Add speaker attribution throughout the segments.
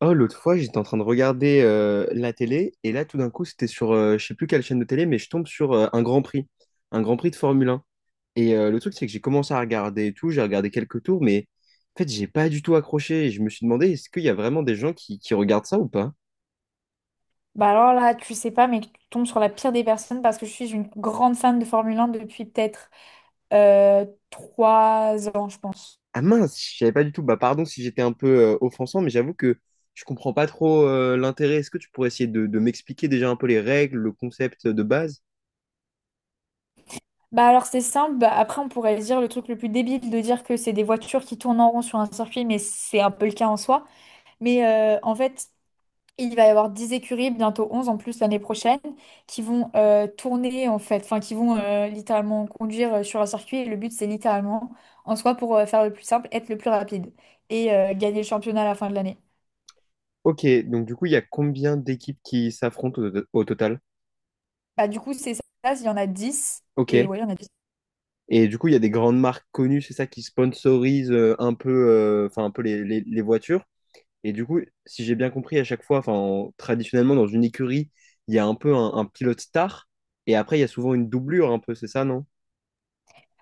Speaker 1: Oh, l'autre fois, j'étais en train de regarder la télé et là, tout d'un coup, c'était sur, je sais plus quelle chaîne de télé, mais je tombe sur un Grand Prix de Formule 1. Et le truc, c'est que j'ai commencé à regarder et tout, j'ai regardé quelques tours, mais en fait, j'ai pas du tout accroché. Et je me suis demandé, est-ce qu'il y a vraiment des gens qui regardent ça ou pas?
Speaker 2: Bah alors là, tu sais pas, mais tu tombes sur la pire des personnes parce que je suis une grande fan de Formule 1 depuis peut-être euh, 3 ans, je pense.
Speaker 1: Ah mince, je savais pas du tout. Bah pardon si j'étais un peu offensant, mais j'avoue que je comprends pas trop l'intérêt. Est-ce que tu pourrais essayer de m'expliquer déjà un peu les règles, le concept de base?
Speaker 2: Bah alors c'est simple, bah après on pourrait dire le truc le plus débile de dire que c'est des voitures qui tournent en rond sur un circuit, mais c'est un peu le cas en soi. Mais euh, en fait, Il va y avoir 10 écuries, bientôt 11 en plus l'année prochaine, qui vont tourner en fait, enfin qui vont littéralement conduire sur un circuit. Et le but, c'est littéralement, en soi, pour faire le plus simple, être le plus rapide et gagner le championnat à la fin de l'année.
Speaker 1: Ok, donc du coup, il y a combien d'équipes qui s'affrontent au total?
Speaker 2: Bah, du coup, c'est ça, il y en a 10
Speaker 1: Ok.
Speaker 2: et ouais, il y en a 10.
Speaker 1: Et du coup, il y a des grandes marques connues, c'est ça, qui sponsorisent un peu, enfin, un peu les voitures. Et du coup, si j'ai bien compris, à chaque fois, enfin, traditionnellement, dans une écurie, il y a un peu un pilote star. Et après, il y a souvent une doublure, un peu, c'est ça, non?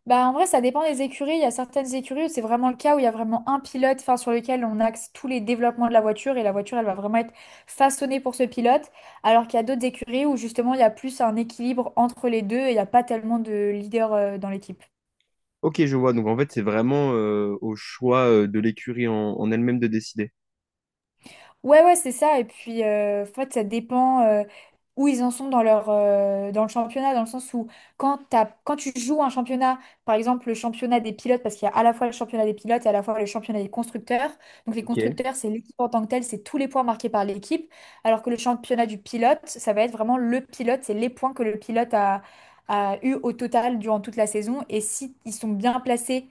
Speaker 2: Bah, en vrai, ça dépend des écuries. Il y a certaines écuries où c'est vraiment le cas où il y a vraiment un pilote enfin, sur lequel on axe tous les développements de la voiture et la voiture, elle va vraiment être façonnée pour ce pilote. Alors qu'il y a d'autres écuries où justement, il y a plus un équilibre entre les deux et il n'y a pas tellement de leader dans l'équipe.
Speaker 1: Ok, je vois. Donc, en fait, c'est vraiment au choix de l'écurie en elle-même de décider.
Speaker 2: Ouais, ouais, c'est ça. Et puis, en fait, ça dépend où ils en sont dans leur, dans le championnat, dans le sens où quand tu joues un championnat, par exemple le championnat des pilotes, parce qu'il y a à la fois le championnat des pilotes et à la fois le championnat des constructeurs. Donc, les
Speaker 1: Ok.
Speaker 2: constructeurs, c'est l'équipe en tant que telle, c'est tous les points marqués par l'équipe. Alors que le championnat du pilote, ça va être vraiment le pilote, c'est les points que le pilote a eu au total durant toute la saison. Et si ils sont bien placés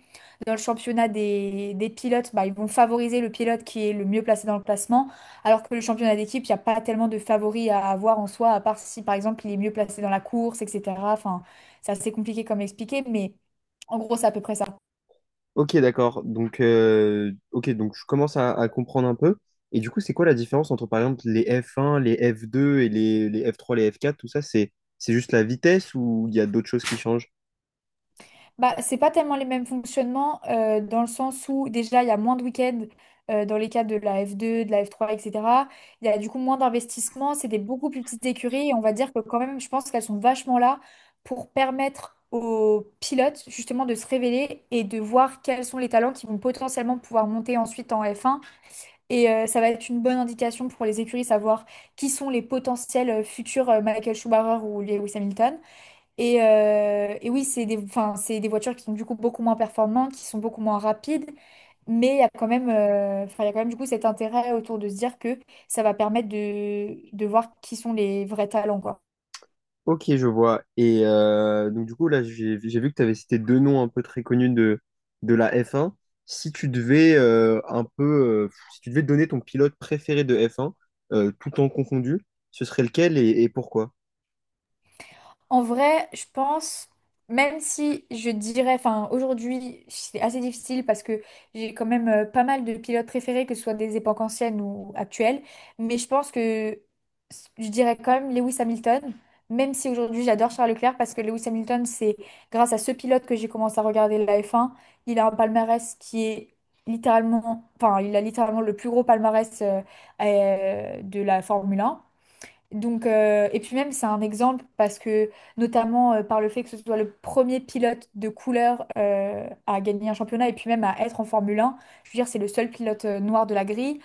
Speaker 2: dans le championnat des pilotes, bah, ils vont favoriser le pilote qui est le mieux placé dans le classement. Alors que le championnat d'équipe, il n'y a pas tellement de favoris à avoir en soi, à part si par exemple il est mieux placé dans la course, etc. Enfin, c'est assez compliqué comme expliqué, mais en gros, c'est à peu près ça.
Speaker 1: Ok, d'accord. Donc, ok, donc je commence à comprendre un peu. Et du coup, c'est quoi la différence entre, par exemple, les f un les f deux et les f trois les f quatre tout ça, c'est juste la vitesse ou il y a d'autres choses qui changent?
Speaker 2: Bah, c'est pas tellement les mêmes fonctionnements dans le sens où déjà il y a moins de week-ends dans les cas de la F2, de la F3, etc. Il y a du coup moins d'investissement, c'est des beaucoup plus petites écuries et on va dire que quand même, je pense qu'elles sont vachement là pour permettre aux pilotes justement de se révéler et de voir quels sont les talents qui vont potentiellement pouvoir monter ensuite en F1. Et ça va être une bonne indication pour les écuries, savoir qui sont les potentiels futurs Michael Schumacher ou Lewis Hamilton. Et oui, c'est des, enfin, c'est des voitures qui sont du coup beaucoup moins performantes, qui sont beaucoup moins rapides, mais il y a quand même, enfin, il y a quand même du coup cet intérêt autour de se dire que ça va permettre de voir qui sont les vrais talents, quoi.
Speaker 1: Ok, je vois. Et donc, du coup, là, j'ai vu que tu avais cité deux noms un peu très connus de la f un. Si tu devais un peu, si tu devais donner ton pilote préféré de f un tout en confondu, ce serait lequel et pourquoi?
Speaker 2: En vrai, je pense, même si je dirais, enfin aujourd'hui c'est assez difficile parce que j'ai quand même pas mal de pilotes préférés, que ce soit des époques anciennes ou actuelles, mais je pense que je dirais quand même Lewis Hamilton, même si aujourd'hui j'adore Charles Leclerc parce que Lewis Hamilton, c'est grâce à ce pilote que j'ai commencé à regarder la F1. Il a un palmarès qui est littéralement, enfin il a littéralement le plus gros palmarès de la Formule 1. Donc, et puis même, c'est un exemple parce que, notamment par le fait que ce soit le premier pilote de couleur à gagner un championnat et puis même à être en Formule 1, je veux dire, c'est le seul pilote noir de la grille.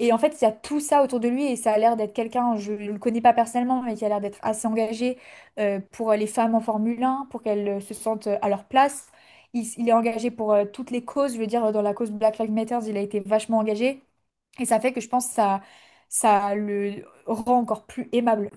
Speaker 2: Et en fait, il y a tout ça autour de lui et ça a l'air d'être quelqu'un, je ne le connais pas personnellement, mais qui a l'air d'être assez engagé pour les femmes en Formule 1, pour qu'elles se sentent à leur place. Il est engagé pour toutes les causes, je veux dire, dans la cause Black Lives Matter, il a été vachement engagé et ça fait que je pense que ça le rend encore plus aimable.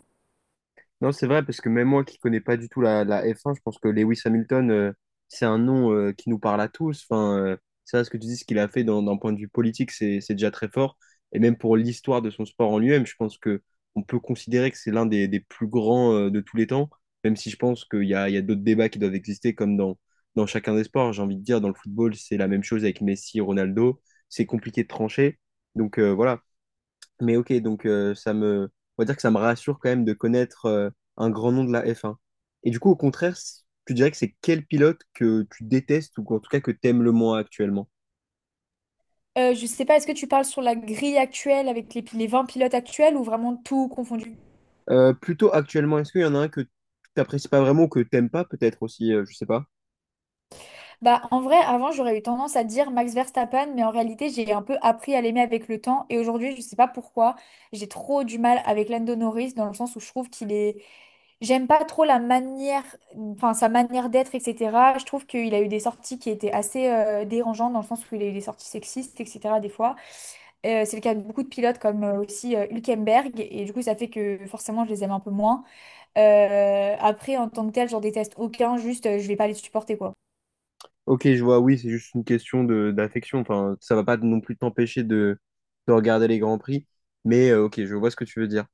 Speaker 1: Non, c'est vrai, parce que même moi qui connais pas du tout la F1, je pense que Lewis Hamilton, c'est un nom qui nous parle à tous. Enfin, c'est vrai ce que tu dis, ce qu'il a fait d'un point de vue politique, c'est déjà très fort. Et même pour l'histoire de son sport en lui-même, je pense que on peut considérer que c'est l'un des plus grands de tous les temps, même si je pense qu'il y il y a d'autres débats qui doivent exister, comme dans chacun des sports. J'ai envie de dire, dans le football, c'est la même chose avec Messi, Ronaldo. C'est compliqué de trancher. Donc voilà. Mais ok, donc ça me, on va dire que ça me rassure quand même de connaître un grand nom de la F1. Et du coup, au contraire, tu dirais que c'est quel pilote que tu détestes ou en tout cas que t'aimes le moins actuellement?
Speaker 2: Je sais pas, est-ce que tu parles sur la grille actuelle avec les 20 pilotes actuels ou vraiment tout confondu?
Speaker 1: Plutôt actuellement, est-ce qu'il y en a un que t'apprécies pas vraiment ou que t'aimes pas peut-être aussi, je sais pas.
Speaker 2: Bah, en vrai, avant, j'aurais eu tendance à dire Max Verstappen, mais en réalité, j'ai un peu appris à l'aimer avec le temps. Et aujourd'hui, je sais pas pourquoi, j'ai trop du mal avec Lando Norris dans le sens où je trouve qu'il est. J'aime pas trop la manière, enfin, sa manière d'être, etc. Je trouve qu'il a eu des sorties qui étaient assez dérangeantes dans le sens où il a eu des sorties sexistes, etc. des fois. C'est le cas de beaucoup de pilotes comme aussi Hülkenberg. Et du coup, ça fait que forcément, je les aime un peu moins. Après, en tant que tel, j'en déteste aucun, juste je vais pas les supporter quoi.
Speaker 1: Ok, je vois, oui, c'est juste une question de d'affection. Enfin, ça va pas non plus t'empêcher de regarder les Grands Prix. Mais ok, je vois ce que tu veux dire.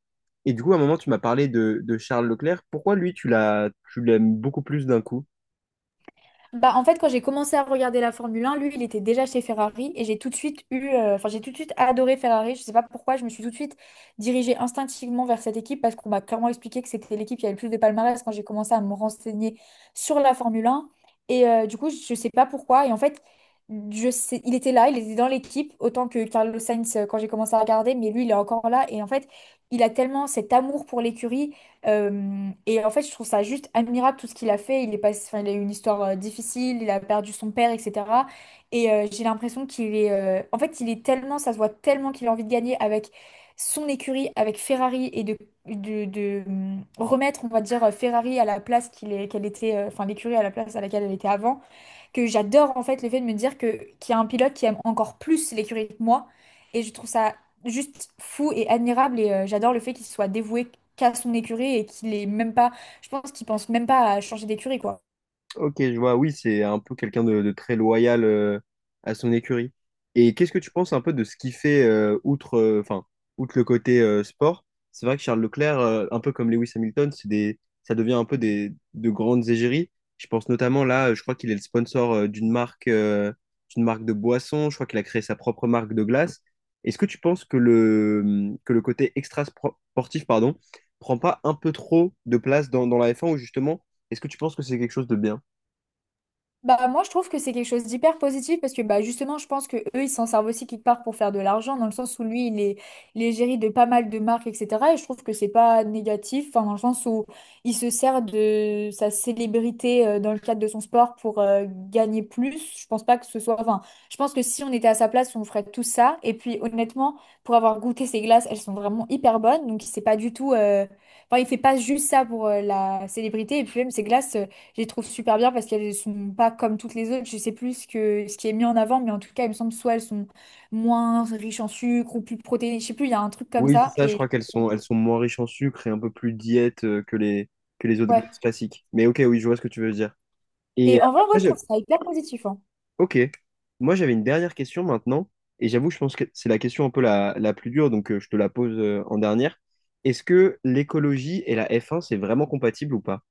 Speaker 1: Et du coup, à un moment, tu m'as parlé de Charles Leclerc. Pourquoi lui, tu l'aimes beaucoup plus d'un coup?
Speaker 2: Bah, en fait, quand j'ai commencé à regarder la Formule 1, lui, il était déjà chez Ferrari et j'ai tout de suite enfin, j'ai tout de suite adoré Ferrari. Je sais pas pourquoi, je me suis tout de suite dirigée instinctivement vers cette équipe parce qu'on m'a clairement expliqué que c'était l'équipe qui avait le plus de palmarès quand j'ai commencé à me renseigner sur la Formule 1. Et du coup, je sais pas pourquoi. Et en fait, je sais, il était là, il était dans l'équipe autant que Carlos Sainz quand j'ai commencé à regarder, mais lui, il est encore là. Et en fait, il a tellement cet amour pour l'écurie. Et en fait, je trouve ça juste admirable tout ce qu'il a fait. Il est passé, enfin, il a eu une histoire difficile, il a perdu son père, etc. Et j'ai l'impression qu'il est, en fait, il est tellement, ça se voit tellement qu'il a envie de gagner avec son écurie, avec Ferrari et de remettre, on va dire, Ferrari à la place qu'il est, qu'elle était, enfin, l'écurie à la place à laquelle elle était avant que j'adore en fait le fait de me dire que qu'il y a un pilote qui aime encore plus l'écurie que moi. Et je trouve ça juste fou et admirable. Et j'adore le fait qu'il soit dévoué qu'à son écurie et qu'il est même pas. Je pense qu'il pense même pas à changer d'écurie, quoi.
Speaker 1: Ok, je vois, oui, c'est un peu quelqu'un de très loyal à son écurie. Et qu'est-ce que tu penses un peu de ce qu'il fait outre, enfin, outre le côté sport? C'est vrai que Charles Leclerc, un peu comme Lewis Hamilton, c'est des, ça devient un peu des, de grandes égéries. Je pense notamment là, je crois qu'il est le sponsor d'une marque de boisson. Je crois qu'il a créé sa propre marque de glace. Est-ce que tu penses que que le côté extra-sportif, pardon, prend pas un peu trop de place dans la F1 ou justement, est-ce que tu penses que c'est quelque chose de bien?
Speaker 2: Bah, moi, je trouve que c'est quelque chose d'hyper positif parce que bah, justement, je pense que eux, ils s'en servent aussi quelque part pour faire de l'argent, dans le sens où lui, il est géré de pas mal de marques, etc. Et je trouve que c'est pas négatif, enfin, dans le sens où il se sert de sa célébrité dans le cadre de son sport pour gagner plus. Je pense pas que ce soit. Enfin, je pense que si on était à sa place, on ferait tout ça. Et puis, honnêtement, pour avoir goûté ses glaces, elles sont vraiment hyper bonnes. Donc, c'est pas du tout. Enfin, il fait pas juste ça pour la célébrité. Et puis, même ses glaces, je les trouve super bien parce qu'elles sont pas comme toutes les autres. Je sais plus ce que, ce qui est mis en avant, mais en tout cas, il me semble soit elles sont moins riches en sucre ou plus protéinées. Je sais plus, il y a un truc comme
Speaker 1: Oui, c'est
Speaker 2: ça.
Speaker 1: ça, je crois
Speaker 2: Et
Speaker 1: qu'elles elles sont moins riches en sucre et un peu plus diète que que les autres
Speaker 2: ouais.
Speaker 1: glaces classiques. Mais ok, oui, je vois ce que tu veux dire. Et
Speaker 2: Et en vrai, ouais,
Speaker 1: après,
Speaker 2: je trouve ça hyper positif. Hein.
Speaker 1: ok. Moi, j'avais une dernière question maintenant. Et j'avoue, je pense que c'est la question un peu la plus dure, donc je te la pose en dernière. Est-ce que l'écologie et la F1, c'est vraiment compatible ou pas?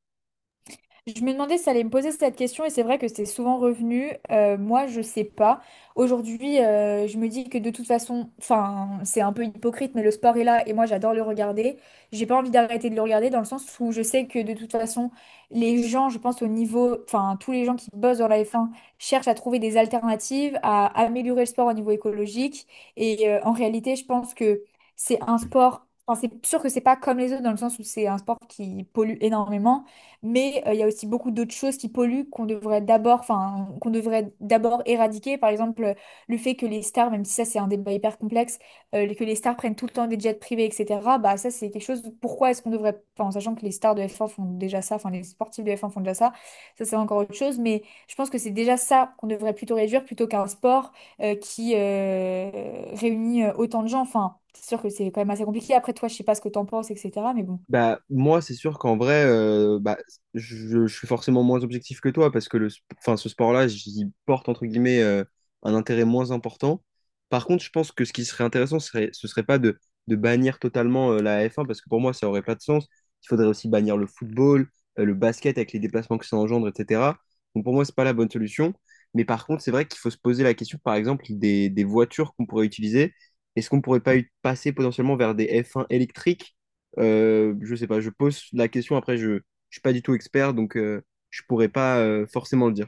Speaker 2: Je me demandais si ça allait me poser cette question et c'est vrai que c'est souvent revenu. Moi, je sais pas. Aujourd'hui, je me dis que de toute façon, enfin, c'est un peu hypocrite, mais le sport est là et moi, j'adore le regarder. J'ai pas envie d'arrêter de le regarder dans le sens où je sais que de toute façon, les gens, je pense au niveau, enfin, tous les gens qui bossent dans la F1 cherchent à trouver des alternatives, à améliorer le sport au niveau écologique. Et en réalité, je pense que c'est un sport. Enfin, c'est sûr que c'est pas comme les autres dans le sens où c'est un sport qui pollue énormément. Mais il y a aussi beaucoup d'autres choses qui polluent qu'on devrait d'abord, enfin, qu'on devrait d'abord éradiquer. Par exemple, le fait que les stars, même si ça c'est un débat hyper complexe, que les stars prennent tout le temps des jets privés, etc. Bah ça c'est quelque chose. Pourquoi est-ce qu'on devrait, enfin, en sachant que les stars de F1 font déjà ça, enfin les sportifs de F1 font déjà ça, ça c'est encore autre chose. Mais je pense que c'est déjà ça qu'on devrait plutôt réduire plutôt qu'un sport qui réunit autant de gens. Enfin, c'est sûr que c'est quand même assez compliqué. Après toi, je sais pas ce que t'en penses, etc. Mais bon.
Speaker 1: Bah, moi, c'est sûr qu'en vrai, bah, je suis forcément moins objectif que toi parce que enfin, ce sport-là, j'y porte entre guillemets un intérêt moins important. Par contre, je pense que ce qui serait intéressant, ce serait pas de, de bannir totalement la F1 parce que pour moi, ça aurait pas de sens. Il faudrait aussi bannir le football, le basket avec les déplacements que ça engendre, etc. Donc pour moi, c'est pas la bonne solution. Mais par contre, c'est vrai qu'il faut se poser la question, par exemple, des voitures qu'on pourrait utiliser. Est-ce qu'on pourrait pas y passer potentiellement vers des F1 électriques? Je sais pas, je pose la question, après je suis pas du tout expert, donc je pourrais pas forcément le dire.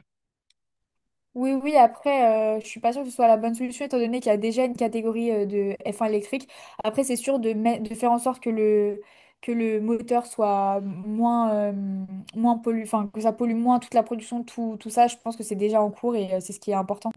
Speaker 2: Oui, oui, après, je suis pas sûre que ce soit la bonne solution, étant donné qu'il y a déjà une catégorie de F1 électrique. Après, c'est sûr de faire en sorte que que le moteur soit moins, moins enfin, que ça pollue moins toute la production, tout, tout ça, je pense que c'est déjà en cours et c'est ce qui est important.